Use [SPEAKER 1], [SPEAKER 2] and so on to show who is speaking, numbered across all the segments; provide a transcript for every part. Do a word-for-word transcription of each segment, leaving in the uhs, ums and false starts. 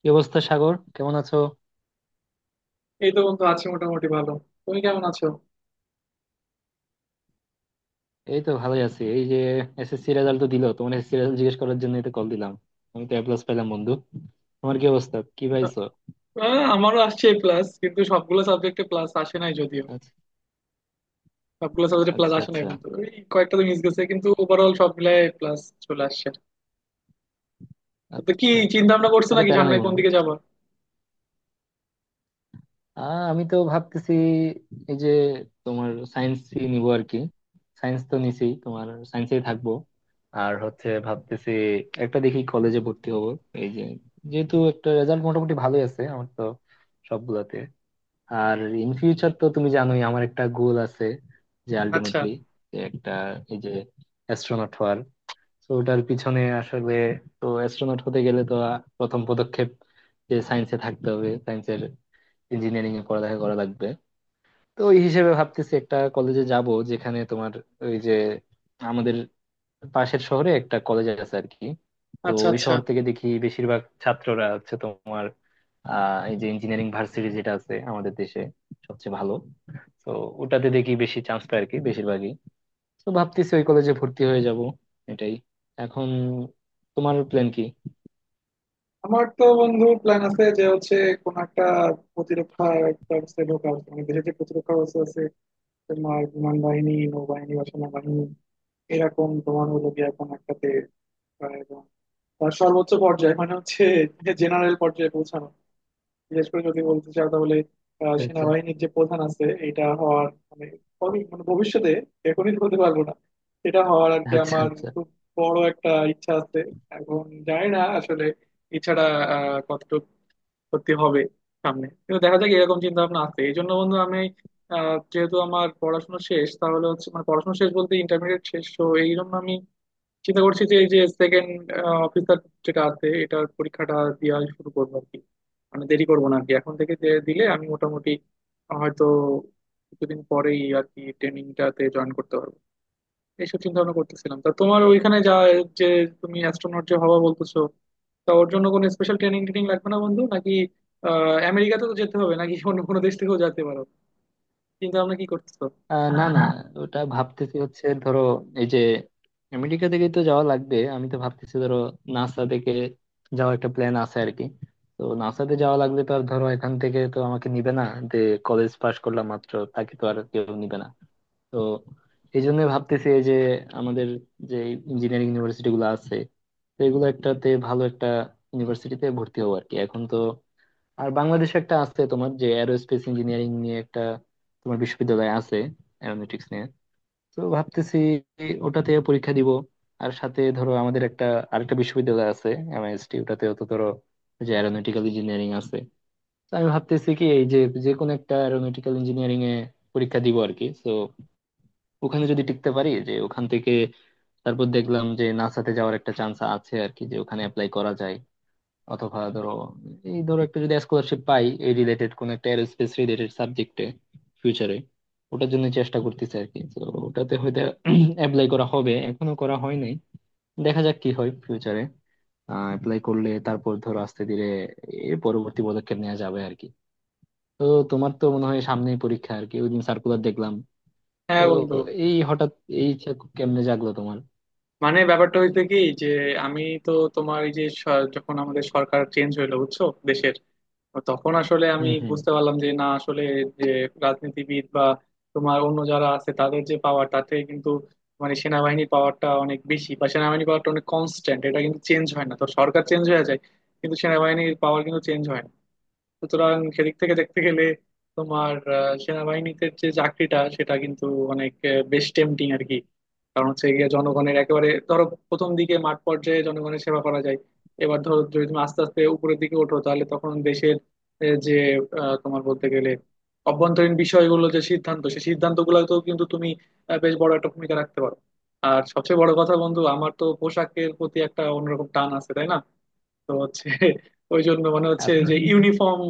[SPEAKER 1] কি অবস্থা সাগর? কেমন আছো?
[SPEAKER 2] এই তো বন্ধু আছি মোটামুটি ভালো। তুমি কেমন আছো?
[SPEAKER 1] এই তো ভালোই আছি, এই যে এস এস সি রেজাল্ট তো দিলো। তোমার এসএসসি রেজাল্ট জিজ্ঞেস করার জন্য তো কল দিলাম। আমি তো এ প্লাস পেলাম বন্ধু। তোমার কি অবস্থা? কি পাইছো?
[SPEAKER 2] আহ, আমারও আসছে প্লাস কিন্তু সবগুলো সাবজেক্টে প্লাস আসে নাই যদিও।
[SPEAKER 1] আচ্ছা।
[SPEAKER 2] সবগুলো সাবজেক্টে প্লাস
[SPEAKER 1] আচ্ছা।
[SPEAKER 2] আসে নাই
[SPEAKER 1] আচ্ছা।
[SPEAKER 2] কিন্তু ওই কয়েকটা তো মিস গেছে, কিন্তু ওভারঅল সব মিলায় প্লাস চলে আসছে। তো কি
[SPEAKER 1] আচ্ছা। আচ্ছা।
[SPEAKER 2] চিন্তা ভাবনা করছো
[SPEAKER 1] আরে
[SPEAKER 2] নাকি
[SPEAKER 1] প্যারা
[SPEAKER 2] সামনে
[SPEAKER 1] নাই
[SPEAKER 2] কোন
[SPEAKER 1] বন্ধু।
[SPEAKER 2] দিকে যাবো?
[SPEAKER 1] আহ আমি তো ভাবতেছি এই যে তোমার সায়েন্স নিবো আর কি। সায়েন্স তো নিছি, তোমার সায়েন্সেই থাকবো। আর হচ্ছে ভাবতেছি একটা দেখি কলেজে ভর্তি হবো, এই যে, যেহেতু একটা রেজাল্ট মোটামুটি ভালোই আছে আমার তো, সবগুলাতে। আর ইন ফিউচার তো তুমি জানোই আমার একটা গোল আছে, যে
[SPEAKER 2] আচ্ছা
[SPEAKER 1] আলটিমেটলি একটা, এই যে, অ্যাস্ট্রোনট হওয়ার। তো ওটার পিছনে আসলে, তো অ্যাস্ট্রোনট হতে গেলে তো আ- প্রথম পদক্ষেপ যে সায়েন্সে থাকতে হবে, সায়েন্সের ইঞ্জিনিয়ারিং এ পড়ালেখা করা লাগবে। তো ওই হিসেবে ভাবতেছি একটা কলেজে যাব যেখানে তোমার, ওই যে, আমাদের পাশের শহরে একটা কলেজ আছে আর কি। তো
[SPEAKER 2] আচ্ছা
[SPEAKER 1] ওই
[SPEAKER 2] আচ্ছা।
[SPEAKER 1] শহর থেকে দেখি বেশিরভাগ ছাত্ররা হচ্ছে তোমার, আহ এই যে ইঞ্জিনিয়ারিং ভার্সিটি যেটা আছে আমাদের দেশে সবচেয়ে ভালো, তো ওটাতে দেখি বেশি চান্স পায় আর কি বেশিরভাগই। তো ভাবতেছি ওই কলেজে ভর্তি হয়ে যাব, এটাই। এখন তোমার প্ল্যান কি?
[SPEAKER 2] আমার তো বন্ধু প্ল্যান আছে যে হচ্ছে কোন একটা প্রতিরক্ষা একটা ব্যবস্থায় ঢোকা উচিত। মানে দেশের যে প্রতিরক্ষা ব্যবস্থা আছে, তোমার বিমান বাহিনী নৌবাহিনী বা সেনাবাহিনী, এরকম তোমার হলো গিয়ে কোন একটাতে আহ সর্বোচ্চ পর্যায়ে মানে হচ্ছে জেনারেল পর্যায়ে পৌঁছানো। বিশেষ করে যদি বলতে চাও তাহলে আহ,
[SPEAKER 1] আচ্ছা।
[SPEAKER 2] সেনাবাহিনীর যে প্রধান আছে এটা হওয়ার মানে কবি- মানে ভবিষ্যতে, এখনই বলতে পারবো না, এটা হওয়ার আর কি
[SPEAKER 1] আচ্ছা।
[SPEAKER 2] আমার
[SPEAKER 1] আচ্ছা।
[SPEAKER 2] খুব বড় একটা ইচ্ছা আছে। এখন জানি না আসলে ইচ্ছাটা আহ কতটুকু সত্যি হবে সামনে, কিন্তু দেখা যাক। এরকম চিন্তা ভাবনা আছে এই জন্য বন্ধু আমি, আহ যেহেতু আমার পড়াশোনা শেষ তাহলে হচ্ছে মানে পড়াশোনা শেষ বলতে ইন্টারমিডিয়েট শেষ, তো এই জন্য আমি চিন্তা করছি যে এই যে সেকেন্ড অফিসার যেটা আছে এটার পরীক্ষাটা দেওয়া শুরু করবো আর কি। মানে দেরি করবো না আর কি, এখন থেকে যে দিলে আমি মোটামুটি হয়তো কিছুদিন পরেই আর কি ট্রেনিংটাতে জয়েন করতে পারবো। এইসব চিন্তা ভাবনা করতেছিলাম। তা তোমার ওইখানে যা, যে তুমি অ্যাস্ট্রোনট যে হবা বলতেছো, তা ওর জন্য কোনো স্পেশাল ট্রেনিং ট্রেনিং লাগবে না বন্ধু নাকি? আহ আমেরিকাতে তো যেতে হবে নাকি অন্য কোনো দেশ থেকেও যেতে পারো? চিন্তা ভাবনা কি করতেছো?
[SPEAKER 1] আহ না না, ওটা ভাবতেছি হচ্ছে ধরো, এই যে, আমেরিকা থেকে তো যাওয়া লাগবে। আমি তো ভাবতেছি ধরো নাসা থেকে যাওয়া একটা প্ল্যান আছে আর কি। তো নাসাতে যাওয়া লাগলে তো আর ধরো এখান থেকে তো আমাকে নিবে না, যে কলেজ পাশ করলাম মাত্র তাকে তো আর কেউ নিবে না। তো এই জন্য ভাবতেছি, এই যে আমাদের যে ইঞ্জিনিয়ারিং ইউনিভার্সিটি গুলো আছে, তো এগুলো একটাতে, ভালো একটা ইউনিভার্সিটিতে ভর্তি হবো আর কি এখন তো। আর বাংলাদেশে একটা আছে তোমার, যে অ্যারোস্পেস ইঞ্জিনিয়ারিং নিয়ে একটা তোমার বিশ্ববিদ্যালয় আছে, অ্যারোনটিক্স নিয়ে। তো ভাবতেছি ওটাতে পরীক্ষা দিব। আর সাথে ধরো আমাদের একটা আরেকটা বিশ্ববিদ্যালয় আছে, এম আই এস টি, ওটাতেও তো ধরো ওই যে অ্যারোনটিক্যাল ইঞ্জিনিয়ারিং আছে। তো আমি ভাবতেছি কি, এই যে, যে কোনো একটা অ্যারোনটিক্যাল ইঞ্জিনিয়ারিং এ পরীক্ষা দিব আর কি। তো ওখানে যদি টিকতে পারি, যে ওখান থেকে তারপর দেখলাম যে নাসাতে যাওয়ার একটা চান্স আছে আর কি, যে ওখানে অ্যাপ্লাই করা যায়। অথবা ধরো, এই ধরো, একটা যদি স্কলারশিপ পাই এই রিলেটেড কোন একটা এরোস্পেস রিলেটেড সাবজেক্টে ফিউচারে, ওটার জন্য চেষ্টা করতেছি আর কি। তো ওটাতে হয়তো অ্যাপ্লাই করা হবে, এখনো করা হয় নাই। দেখা যাক কি হয় ফিউচারে অ্যাপ্লাই করলে, তারপর ধরো আস্তে ধীরে এর পরবর্তী পদক্ষেপ নেওয়া যাবে আর কি। তো তোমার তো মনে হয় সামনেই পরীক্ষা আর কি, ওইদিন সার্কুলার দেখলাম। তো
[SPEAKER 2] হ্যাঁ বন্ধু।
[SPEAKER 1] এই হঠাৎ এই ইচ্ছা কেমনে জাগলো তোমার?
[SPEAKER 2] মানে ব্যাপারটা হইতে কি যে আমি তো তোমার এই যে স- যখন আমাদের সরকার চেঞ্জ হইলো বুঝছো দেশের, তখন আসলে আমি
[SPEAKER 1] হুম। হুম।
[SPEAKER 2] বুঝতে পারলাম যে না আসলে যে রাজনীতিবিদ বা তোমার অন্য যারা আছে তাদের যে পাওয়ার তাতে কিন্তু, মানে সেনাবাহিনীর পাওয়ারটা অনেক বেশি বা সেনাবাহিনীর পাওয়ারটা অনেক কনস্ট্যান্ট, এটা কিন্তু চেঞ্জ হয় না। তো সরকার চেঞ্জ হয়ে যায় কিন্তু সেনাবাহিনীর পাওয়ার কিন্তু চেঞ্জ হয় না। সুতরাং সেদিক থেকে দেখতে গেলে তোমার আহ, সেনাবাহিনীতে যে চাকরিটা সেটা কিন্তু অনেক আহ, বেশ টেম্পটিং আর কি। কারণ হচ্ছে গিয়ে জনগণের একেবারে ধরো প্রথম দিকে মাঠ পর্যায়ে জনগণের সেবা করা যায়। এবার ধরো যদি তুমি আস্তে আস্তে উপরের দিকে ওঠো তাহলে তখন দেশের এ, যে আহ, তোমার বলতে গেলে অভ্যন্তরীণ বিষয়গুলো যে সিদ্ধান্ত সেই সিদ্ধান্তগুলোতেও কিন্তু তুমি আহ, বেশ বড় একটা ভূমিকা রাখতে পারো। আর সবচেয়ে বড় কথা বন্ধু আমার তো পোশাকের প্রতি একটা অন্যরকম টান আছে তাই না। তো হচ্ছে ওই জন্য মানে হচ্ছে
[SPEAKER 1] আচ্ছা।
[SPEAKER 2] যে ইউনিফর্ম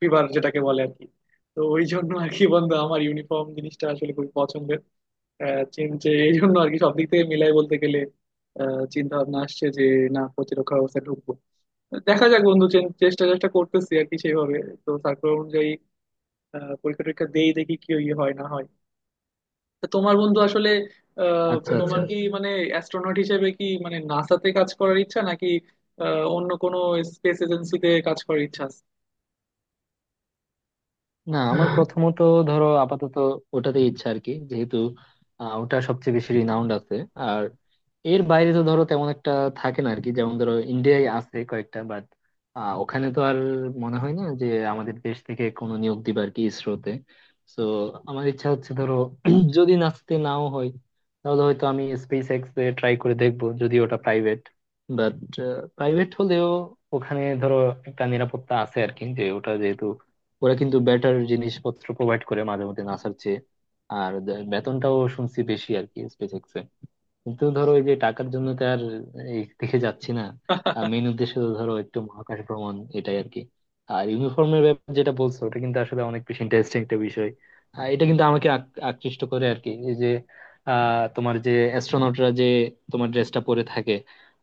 [SPEAKER 2] ফিভার যেটাকে বলে আর কি। তো ওই জন্য আর কি বন্ধু আমার ইউনিফর্ম জিনিসটা আসলে খুবই পছন্দের। আহ, চীন যে এই জন্য আর কি সব দিক থেকে মিলাই বলতে গেলে চিন্তা ভাবনা আসছে যে না প্রতিরক্ষা ব্যবস্থা ঢুকবো। দেখা যাক বন্ধু চে- চেষ্টা চেষ্টা করতেছি আর কি সেইভাবে। তো সার্কুলার অনুযায়ী আহ, পরীক্ষা টরীক্ষা দেই দেখি কি ইয়ে হয় না হয়। তা তোমার বন্ধু আসলে আহ
[SPEAKER 1] আচ্ছা। আচ্ছা।
[SPEAKER 2] তোমার কি মানে অ্যাস্ট্রোনট হিসেবে কি মানে নাসাতে কাজ করার ইচ্ছা নাকি আহ, অন্য কোনো স্পেস এজেন্সিতে কাজ করার ইচ্ছা আছে?
[SPEAKER 1] না আমার প্রথমত, ধরো আপাতত ওটাতে ইচ্ছা আর কি, যেহেতু আহ, ওটা সবচেয়ে বেশি রিনাউন্ড আছে। আর এর বাইরে তো ধরো তেমন একটা থাকে না আর কি। যেমন ধরো ইন্ডিয়ায় আছে কয়েকটা, বাট ওখানে তো আর মনে হয় না যে আমাদের দেশ থেকে কোনো নিয়োগ দিবে আর কি ইসরোতে। তো আমার ইচ্ছা হচ্ছে ধরো, যদি নাচতে নাও হয় তাহলে হয়তো আমি স্পেস এক্স এ ট্রাই করে দেখবো, যদি ওটা প্রাইভেট, বাট প্রাইভেট হলেও ওখানে ধরো একটা নিরাপত্তা আছে আর কি, যে ওটা যেহেতু, ওরা কিন্তু বেটার জিনিসপত্র প্রোভাইড করে মাঝে মধ্যে নাসার চেয়ে। আর দে- বেতনটাও শুনছি বেশি আর কি স্পেস এক্স। কিন্তু ধরো ওই যে টাকার জন্য তো আর এই দেখে যাচ্ছি না। মেইন উদ্দেশ্য তো ধরো একটু মহাকাশ ভ্রমণ, এটাই আর কি। আর ইউনিফর্মের ব্যাপার যেটা বলছো ওটা কিন্তু আসলে অনেক বেশি ইন্টারেস্টিং একটা বিষয়। আহ, এটা কিন্তু আমাকে আক- আকৃষ্ট করে আর কি, এই যে, আহ তোমার যে অ্যাস্ট্রোনটরা যে তোমার ড্রেসটা পরে থাকে,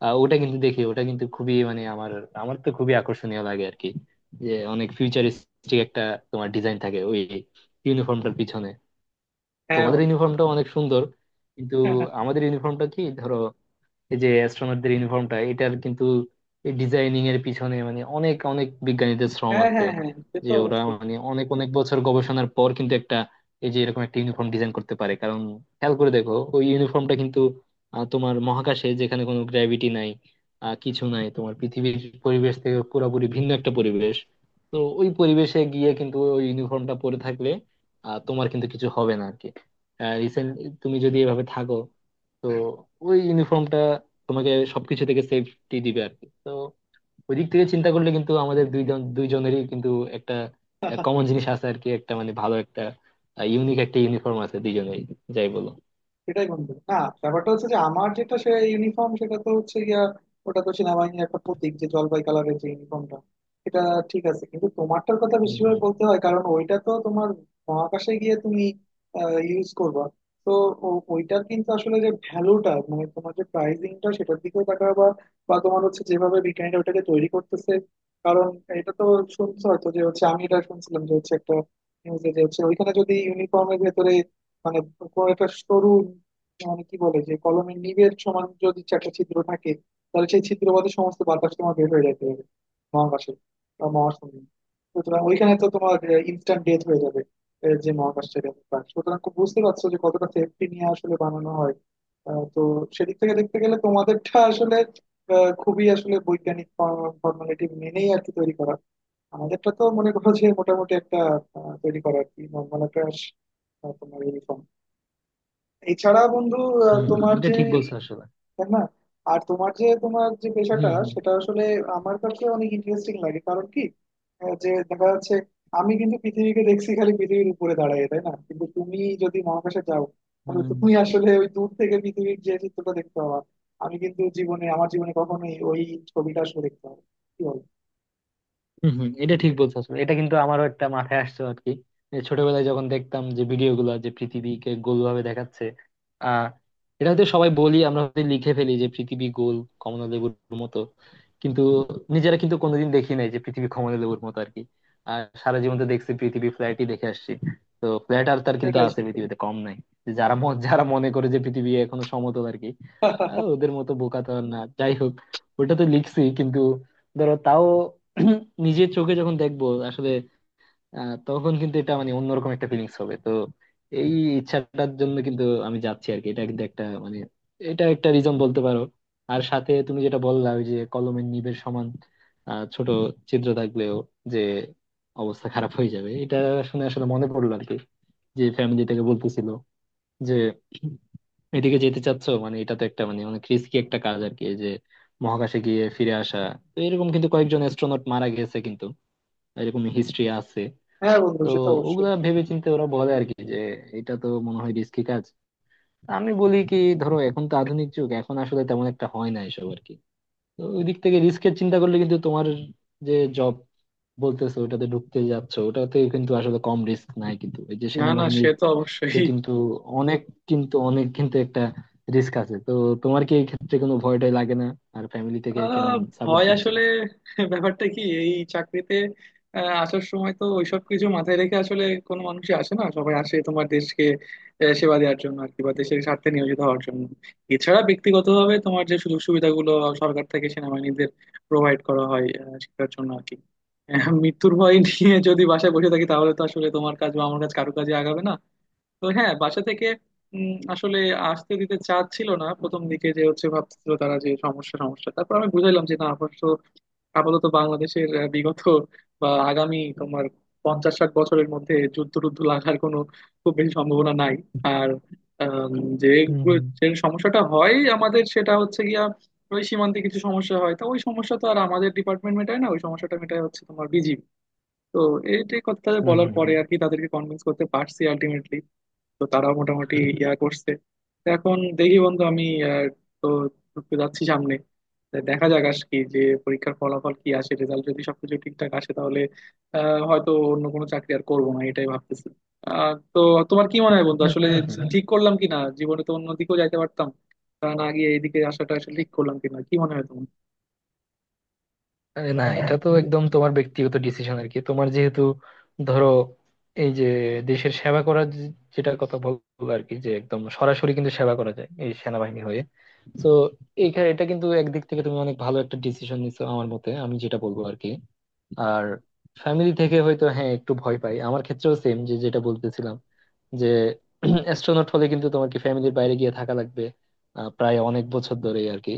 [SPEAKER 1] আহ, ওটা কিন্তু দেখি, ওটা কিন্তু খুবই, মানে আমার, আমার তো খুবই আকর্ষণীয় লাগে আর কি। যে অনেক ফিউচারিস্টিক একটা তোমার ডিজাইন থাকে ওই ইউনিফর্মটার পিছনে।
[SPEAKER 2] হ্যাঁ
[SPEAKER 1] তোমাদের
[SPEAKER 2] বন্ধু।
[SPEAKER 1] ইউনিফর্মটা অনেক সুন্দর, কিন্তু
[SPEAKER 2] হ্যাঁ
[SPEAKER 1] আমাদের ইউনিফর্মটা কি ধরো, এই যে অ্যাস্ট্রোনটদের ইউনিফর্মটা, এটার কিন্তু ডিজাইনিং এর পিছনে মানে অনেক অনেক বিজ্ঞানীদের শ্রম
[SPEAKER 2] হ্যাঁ
[SPEAKER 1] আছে।
[SPEAKER 2] হ্যাঁ হ্যাঁ, সে
[SPEAKER 1] যে
[SPEAKER 2] তো
[SPEAKER 1] ওরা
[SPEAKER 2] অবশ্যই।
[SPEAKER 1] মানে অনেক অনেক বছর গবেষণার পর কিন্তু একটা, এই যে, এরকম একটা ইউনিফর্ম ডিজাইন করতে পারে। কারণ খেয়াল করে দেখো ওই ইউনিফর্মটা কিন্তু, আহ, তোমার মহাকাশে যেখানে কোনো গ্র্যাভিটি নাই, আহ, কিছু নাই, তোমার পৃথিবীর পরিবেশ থেকে পুরোপুরি ভিন্ন একটা পরিবেশ। তো ওই পরিবেশে গিয়ে কিন্তু ওই ইউনিফর্মটা পরে থাকলে আহ, তোমার কিন্তু কিছু হবে না আর কি। রিসেন্ট, তুমি যদি এভাবে থাকো, তো ওই ইউনিফর্মটা তোমাকে সবকিছু থেকে সেফটি দিবে আর কি। তো ওই দিক থেকে চিন্তা করলে কিন্তু আমাদের দুইজন দুইজনেরই কিন্তু একটা কমন জিনিস আছে আর কি, একটা মানে ভালো একটা ইউনিক একটা ইউনিফর্ম আছে দুইজনেরই, যাই বলো।
[SPEAKER 2] সেটাই বন্ধু না? ব্যাপারটা হচ্ছে যে আমার যেটা সে ইউনিফর্ম সেটা তো হচ্ছে গিয়া ওটা তো সেনাবাহিনীর একটা প্রতীক, যে জলপাই কালারের যে ইউনিফর্মটা, এটা ঠিক আছে। কিন্তু তোমারটার কথা
[SPEAKER 1] হম।
[SPEAKER 2] বেশিরভাগ
[SPEAKER 1] হম।
[SPEAKER 2] বলতে হয় কারণ ওইটা তো তোমার মহাকাশে গিয়ে তুমি ইউজ করবা। তো ও- ওইটার কিন্তু আসলে যে ভ্যালুটা মানে তোমার যে প্রাইসিংটা সেটার দিকেও তাকাবা বা তোমার হচ্ছে যেভাবে বিজ্ঞানীরা ওটাকে তৈরি করতেছে। কারণ এটা তো শুনছো হয়তো যে হচ্ছে, আমি এটা শুনছিলাম যে হচ্ছে একটা নিউজে, যে হচ্ছে ওইখানে যদি ইউনিফর্মের ভেতরে মানে কোনো একটা সরু মানে কি বলে যে কলমের নিবের সমান যদি একটা ছিদ্র থাকে তাহলে সেই ছিদ্র বাদে সমস্ত বাতাস তোমার বের হয়ে যেতে হবে মহাকাশে বা মহাশূন্যে। সুতরাং ওইখানে তো তোমার ইনস্ট্যান্ট ডেথ হয়ে যাবে। আহ, যে মহাকাশটা ব্যাপার, সুতরাং খুব বুঝতে পারছো যে কতটা সেফটি নিয়ে আসলে বানানো হয়। আহ, তো সেদিক থেকে দেখতে গেলে তোমাদেরটা আসলে আহ, খুবই আসলে বৈজ্ঞানিক ফর্মালিটি মেনেই আর কি তৈরি করা। আমাদেরটা তো মনে করো যে মোটামুটি একটা আহ, তৈরি করা আর কি নর্মাল একটা আহ, তোমার ইউনিফর্ম। এছাড়া বন্ধু আহ,
[SPEAKER 1] হম হম
[SPEAKER 2] তোমার
[SPEAKER 1] এটা
[SPEAKER 2] যে
[SPEAKER 1] ঠিক বলছো আসলে।
[SPEAKER 2] তাই না? আর তোমার যে তোমার যে পেশাটা
[SPEAKER 1] হম। হম।
[SPEAKER 2] সেটা আসলে আমার কাছে অনেক ইন্টারেস্টিং লাগে কারণ কি আহ, যে দেখা যাচ্ছে আমি কিন্তু পৃথিবীকে দেখছি খালি পৃথিবীর উপরে দাঁড়ায় তাই না, কিন্তু তুমি যদি মহাকাশে যাও তাহলে
[SPEAKER 1] হম।
[SPEAKER 2] তুমি আসলে ওই দূর থেকে পৃথিবীর যে চিত্রটা দেখতে পাবা। আমি কিন্তু জীবনে আমার জীবনে কখনোই ওই ছবিটা আসলে দেখতে পাবো না। কি বল?
[SPEAKER 1] হম। হম এটা ঠিক বলছো আসলে। এটা কিন্তু আমারও একটা মাথায় আসছে আর কি। এই ছোটবেলায় যখন দেখতাম যে ভিডিও গুলো যে পৃথিবীকে গোল ভাবে দেখাচ্ছে, আহ এটা হয়তো সবাই বলি, আমরা হয়তো লিখে ফেলি যে পৃথিবী গোল কমলালেবুর মতো, কিন্তু নিজেরা কিন্তু কোনোদিন দেখি নাই যে পৃথিবী কমলালেবুর মতো আর কি। আর সারা জীবন তো দেখছি পৃথিবী ফ্ল্যাটই দেখে আসছি। তো ফ্ল্যাট আর তার কিন্তু
[SPEAKER 2] সেটাই
[SPEAKER 1] আছে
[SPEAKER 2] সেটাই।
[SPEAKER 1] পৃথিবীতে কম নাই, যারা ম- যারা মনে করে যে পৃথিবী এখনো সমতল আর কি। আহ, ওদের মতো বোকা তো আর না, যাই হোক। ওটা তো লিখছি কিন্তু ধরো তাও নিজের চোখে যখন দেখবো আসলে, আহ, তখন কিন্তু এটা মানে অন্যরকম একটা ফিলিংস হবে। তো এই ইচ্ছাটার জন্য কিন্তু আমি যাচ্ছি আর কি, এটা কিন্তু একটা মানে, এটা একটা রিজন বলতে পারো। আর সাথে তুমি যেটা বললা ওই যে কলমের নিবের সমান আহ, ছোট ছিদ্র থাকলেও যে অবস্থা খারাপ হয়ে যাবে, এটা শুনে আসলে মনে পড়লো আর কি। যে ফ্যামিলি থেকে বলতেছিল যে এদিকে যেতে চাচ্ছ, মানে এটা তো একটা মানে অনেক রিস্কি একটা কাজ আর কি, এই যে মহাকাশে গিয়ে ফিরে আসা। তো এরকম কিন্তু কয়েকজন অ্যাস্ট্রোনট মারা গেছে কিন্তু, এরকম হিস্ট্রি আছে।
[SPEAKER 2] হ্যাঁ বন্ধু
[SPEAKER 1] তো
[SPEAKER 2] সে তো অবশ্যই।
[SPEAKER 1] ওগুলা ভেবে চিন্তে ওরা বলে আর কি যে এটা তো মনে হয় রিস্কি কাজ। আমি বলি কি, ধরো এখন তো আধুনিক যুগ, এখন আসলে তেমন একটা হয় না এসব আর কি। তো ওই দিক থেকে রিস্কের চিন্তা করলে কিন্তু তোমার যে জব বলতেছো ওটাতে ঢুকতে যাচ্ছ, ওটাতে কিন্তু আসলে কম রিস্ক নাই কিন্তু, এই যে
[SPEAKER 2] না
[SPEAKER 1] সেনাবাহিনীতে কিন্তু অনেক, কিন্তু অনেক কিন্তু একটা রিস্ক আছে তো। তোমার কি এই ক্ষেত্রে কোনো ভয়টাই লাগে না? আর ফ্যামিলি থেকে
[SPEAKER 2] আহ,
[SPEAKER 1] কেমন সাপোর্ট
[SPEAKER 2] ভয়
[SPEAKER 1] দিচ্ছে?
[SPEAKER 2] আসলে ব্যাপারটা কি, এই চাকরিতে আহ, আসার সময় তো ওইসব কিছু মাথায় রেখে আসলে কোনো মানুষই আসে না, সবাই আসে তোমার দেশকে আহ, সেবা দেওয়ার জন্য আর কি বা দেশের স্বার্থে নিয়োজিত হওয়ার জন্য। এছাড়া ব্যক্তিগতভাবে তোমার যে সুযোগ সুবিধাগুলো সরকার থেকে সেনাবাহিনীদের প্রোভাইড করা হয় আহ, সেটার জন্য আর কি। আহ, মৃত্যুর ভয় নিয়ে যদি বাসায় বসে থাকি তাহলে তো আসলে তোমার কাজ বা আমার কাজ কারো কাজে আগাবে না। তো হ্যাঁ বাসা থেকে উম, আসলে আসতে দিতে চাচ্ছিল না প্রথম দিকে, যে হচ্ছে ভাবছিল তারা যে সমস্যা সমস্যা, তারপর আমি বুঝাইলাম যে না, অবশ্য আপাতত বাংলাদেশের আহ, বিগত বা আগামী তোমার পঞ্চাশ ষাট বছরের মধ্যে যুদ্ধ টুদ্ধ লাগার কোনো খুব বেশি সম্ভাবনা নাই। আর আম, যে
[SPEAKER 1] হম।
[SPEAKER 2] যে সমস্যাটা হয় আমাদের সেটা হচ্ছে গিয়া ওই সীমান্তে কিছু সমস্যা হয়, তা ওই সমস্যা তো আর আমাদের ডিপার্টমেন্ট মেটায় না, ওই সমস্যাটা মেটায় হচ্ছে তোমার বিজিবি। তো এইটাই কথা
[SPEAKER 1] হম।
[SPEAKER 2] বলার পরে
[SPEAKER 1] হম।
[SPEAKER 2] আর কি তাদেরকে কনভিন্স করতে পারছি আলটিমেটলি। তো তারা মোটামুটি ইয়া করছে। তো এখন দেখি বন্ধু আমি আহ, তো ঢুকতে যাচ্ছি সামনে। তো দেখা যাক আজ কি, যে পরীক্ষার ফলাফল কি আসে, রেজাল্ট যদি সবকিছু ঠিকঠাক আসে তাহলে আহ, হয়তো অন্য কোনো চাকরি আর করবো না এটাই ভাবতেছি। আহ, তো তোমার কি মনে হয় বন্ধু
[SPEAKER 1] হম।
[SPEAKER 2] আসলে
[SPEAKER 1] হম।
[SPEAKER 2] ঠিক করলাম কি না, জীবনে তো অন্যদিকেও যাইতে পারতাম, তা না গিয়ে এইদিকে আসাটা আসলে ঠিক করলাম কিনা কি মনে হয় তোমার?
[SPEAKER 1] আরে না, এটা তো একদম তোমার ব্যক্তিগত ডিসিশন আর কি। তোমার যেহেতু ধরো, এই যে দেশের সেবা করার যে- যেটা কথা বললো আর কি, যে একদম সরাসরি কিন্তু সেবা করা যায় এই সেনাবাহিনী হয়ে, তো এইখানে এটা কিন্তু একদিক থেকে তুমি অনেক ভালো একটা ডিসিশন নিছো আমার মতে, আমি যেটা বলবো আর কি। আর ফ্যামিলি থেকে হয়তো, হ্যাঁ একটু ভয় পাই, আমার ক্ষেত্রেও সেম যে যেটা বলতেছিলাম, যে অ্যাস্ট্রোনট হলে কিন্তু তোমার কি ফ্যামিলির বাইরে গিয়ে থাকা লাগবে আহ, প্রায় অনেক বছর ধরেই আর কি।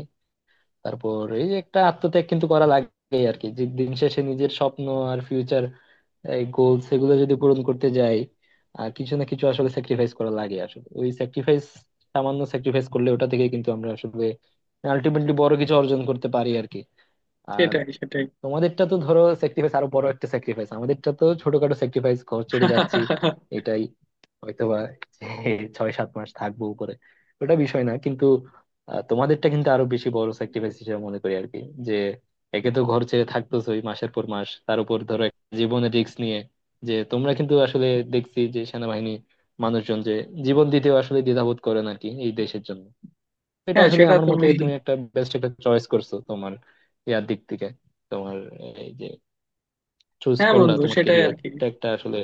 [SPEAKER 1] তারপর এই যে একটা আত্মত্যাগ কিন্তু করা লাগে আর কি, যে দিন শেষে নিজের স্বপ্ন আর ফিউচার গোলস এগুলো যদি পূরণ করতে যাই আহ, কিছু না কিছু আসলে স্যাক্রিফাইস করা লাগে। আসলে ওই স্যাক্রিফাইস, সামান্য স্যাক্রিফাইস করলে ওটা থেকে কিন্তু আমরা আসলে আলটিমেটলি বড় কিছু অর্জন করতে পারি আর কি। আর
[SPEAKER 2] সেটাই সেটাই।
[SPEAKER 1] তোমাদেরটা তো ধরো স্যাক্রিফাইস, আরো বড় একটা স্যাক্রিফাইস। আমাদেরটা তো ছোটখাটো স্যাক্রিফাইস, ঘর ছেড়ে যাচ্ছি এটাই। হয়তোবা যে ছয় সাত মাস থাকবো উপরে, ওটা বিষয় না কিন্তু। আহ, তোমাদেরটা কিন্তু আরো বেশি বড় স্যাক্রিফাইস হিসেবে মনে করি আর কি, যে একে তো ঘর ছেড়ে থাকতেছই মাসের পর মাস, তার উপর ধরো একটা জীবনের রিস্ক নিয়ে। যে তোমরা কিন্তু আসলে দেখছি যে সেনাবাহিনী মানুষজন যে জীবন দিতেও আসলে দ্বিধাবোধ করেন আর কি এই দেশের জন্য। এটা
[SPEAKER 2] হ্যাঁ
[SPEAKER 1] আসলে
[SPEAKER 2] সেটা
[SPEAKER 1] আমার মতে
[SPEAKER 2] তুমি।
[SPEAKER 1] তুমি একটা বেস্ট একটা চয়েস করছো তোমার ইয়ার দিক থেকে, তোমার, এই যে চুজ
[SPEAKER 2] হ্যাঁ
[SPEAKER 1] করলা
[SPEAKER 2] বন্ধু
[SPEAKER 1] তোমার
[SPEAKER 2] সেটাই আর
[SPEAKER 1] কেরিয়ার,
[SPEAKER 2] কি।
[SPEAKER 1] এটা একটা আসলে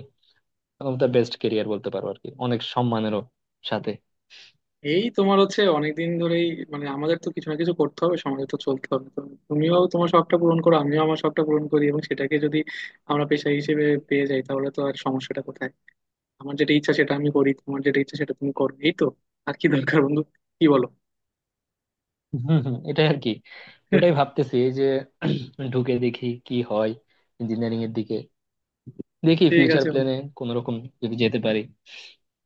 [SPEAKER 1] আমার বেস্ট কেরিয়ার বলতে পারো আর কি, অনেক সম্মানেরও সাথে।
[SPEAKER 2] এই তোমার হচ্ছে অনেকদিন ধরেই, মানে আমাদের তো কিছু না কিছু করতে হবে, সমাজে তো চলতে হবে। তো তুমিও তোমার শখটা পূরণ করো, আমিও আমার শখটা পূরণ করি, এবং সেটাকে যদি আমরা পেশা হিসেবে পেয়ে যাই তাহলে তো আর সমস্যাটা কোথায়? আমার যেটা ইচ্ছা সেটা আমি করি, তোমার যেটা ইচ্ছা সেটা তুমি করো, এই তো আর কি দরকার বন্ধু, কি বলো?
[SPEAKER 1] হম হম এটাই আর কি। ওটাই ভাবতেছি এই যে ঢুকে দেখি কি হয় ইঞ্জিনিয়ারিং এর দিকে। দেখি
[SPEAKER 2] ঠিক
[SPEAKER 1] ফিউচার
[SPEAKER 2] আছে বন্ধু।
[SPEAKER 1] প্ল্যানে কোন রকম যদি যেতে পারি,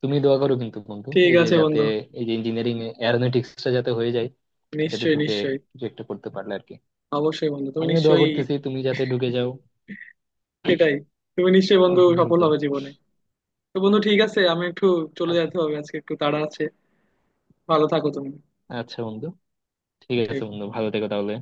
[SPEAKER 1] তুমি দোয়া করো কিন্তু বন্ধু
[SPEAKER 2] ঠিক
[SPEAKER 1] এই যে
[SPEAKER 2] আছে
[SPEAKER 1] যাতে,
[SPEAKER 2] বন্ধু।
[SPEAKER 1] এই যে ইঞ্জিনিয়ারিং, এরোনটিক্সটা যাতে হয়ে যায়, এটাতে
[SPEAKER 2] নিশ্চয়ই
[SPEAKER 1] ঢুকে
[SPEAKER 2] নিশ্চয়ই।
[SPEAKER 1] কিছু একটা করতে পারলে আর কি।
[SPEAKER 2] অবশ্যই বন্ধু তুমি
[SPEAKER 1] আমিও দোয়া
[SPEAKER 2] নিশ্চয়ই।
[SPEAKER 1] করতেছি তুমি যাতে ঢুকে যাও
[SPEAKER 2] সেটাই। তুমি নিশ্চয়ই বন্ধু
[SPEAKER 1] অতি
[SPEAKER 2] সফল
[SPEAKER 1] দ্রুত।
[SPEAKER 2] হবে জীবনে। তো বন্ধু ঠিক আছে, আমি একটু চলে
[SPEAKER 1] আ-
[SPEAKER 2] যেতে হবে, আজকে একটু তাড়া আছে। ভালো থাকো তুমি।
[SPEAKER 1] আচ্ছা বন্ধু, ঠিক আছে
[SPEAKER 2] ঠিক
[SPEAKER 1] বন্ধু ভালো থেকো তাহলে।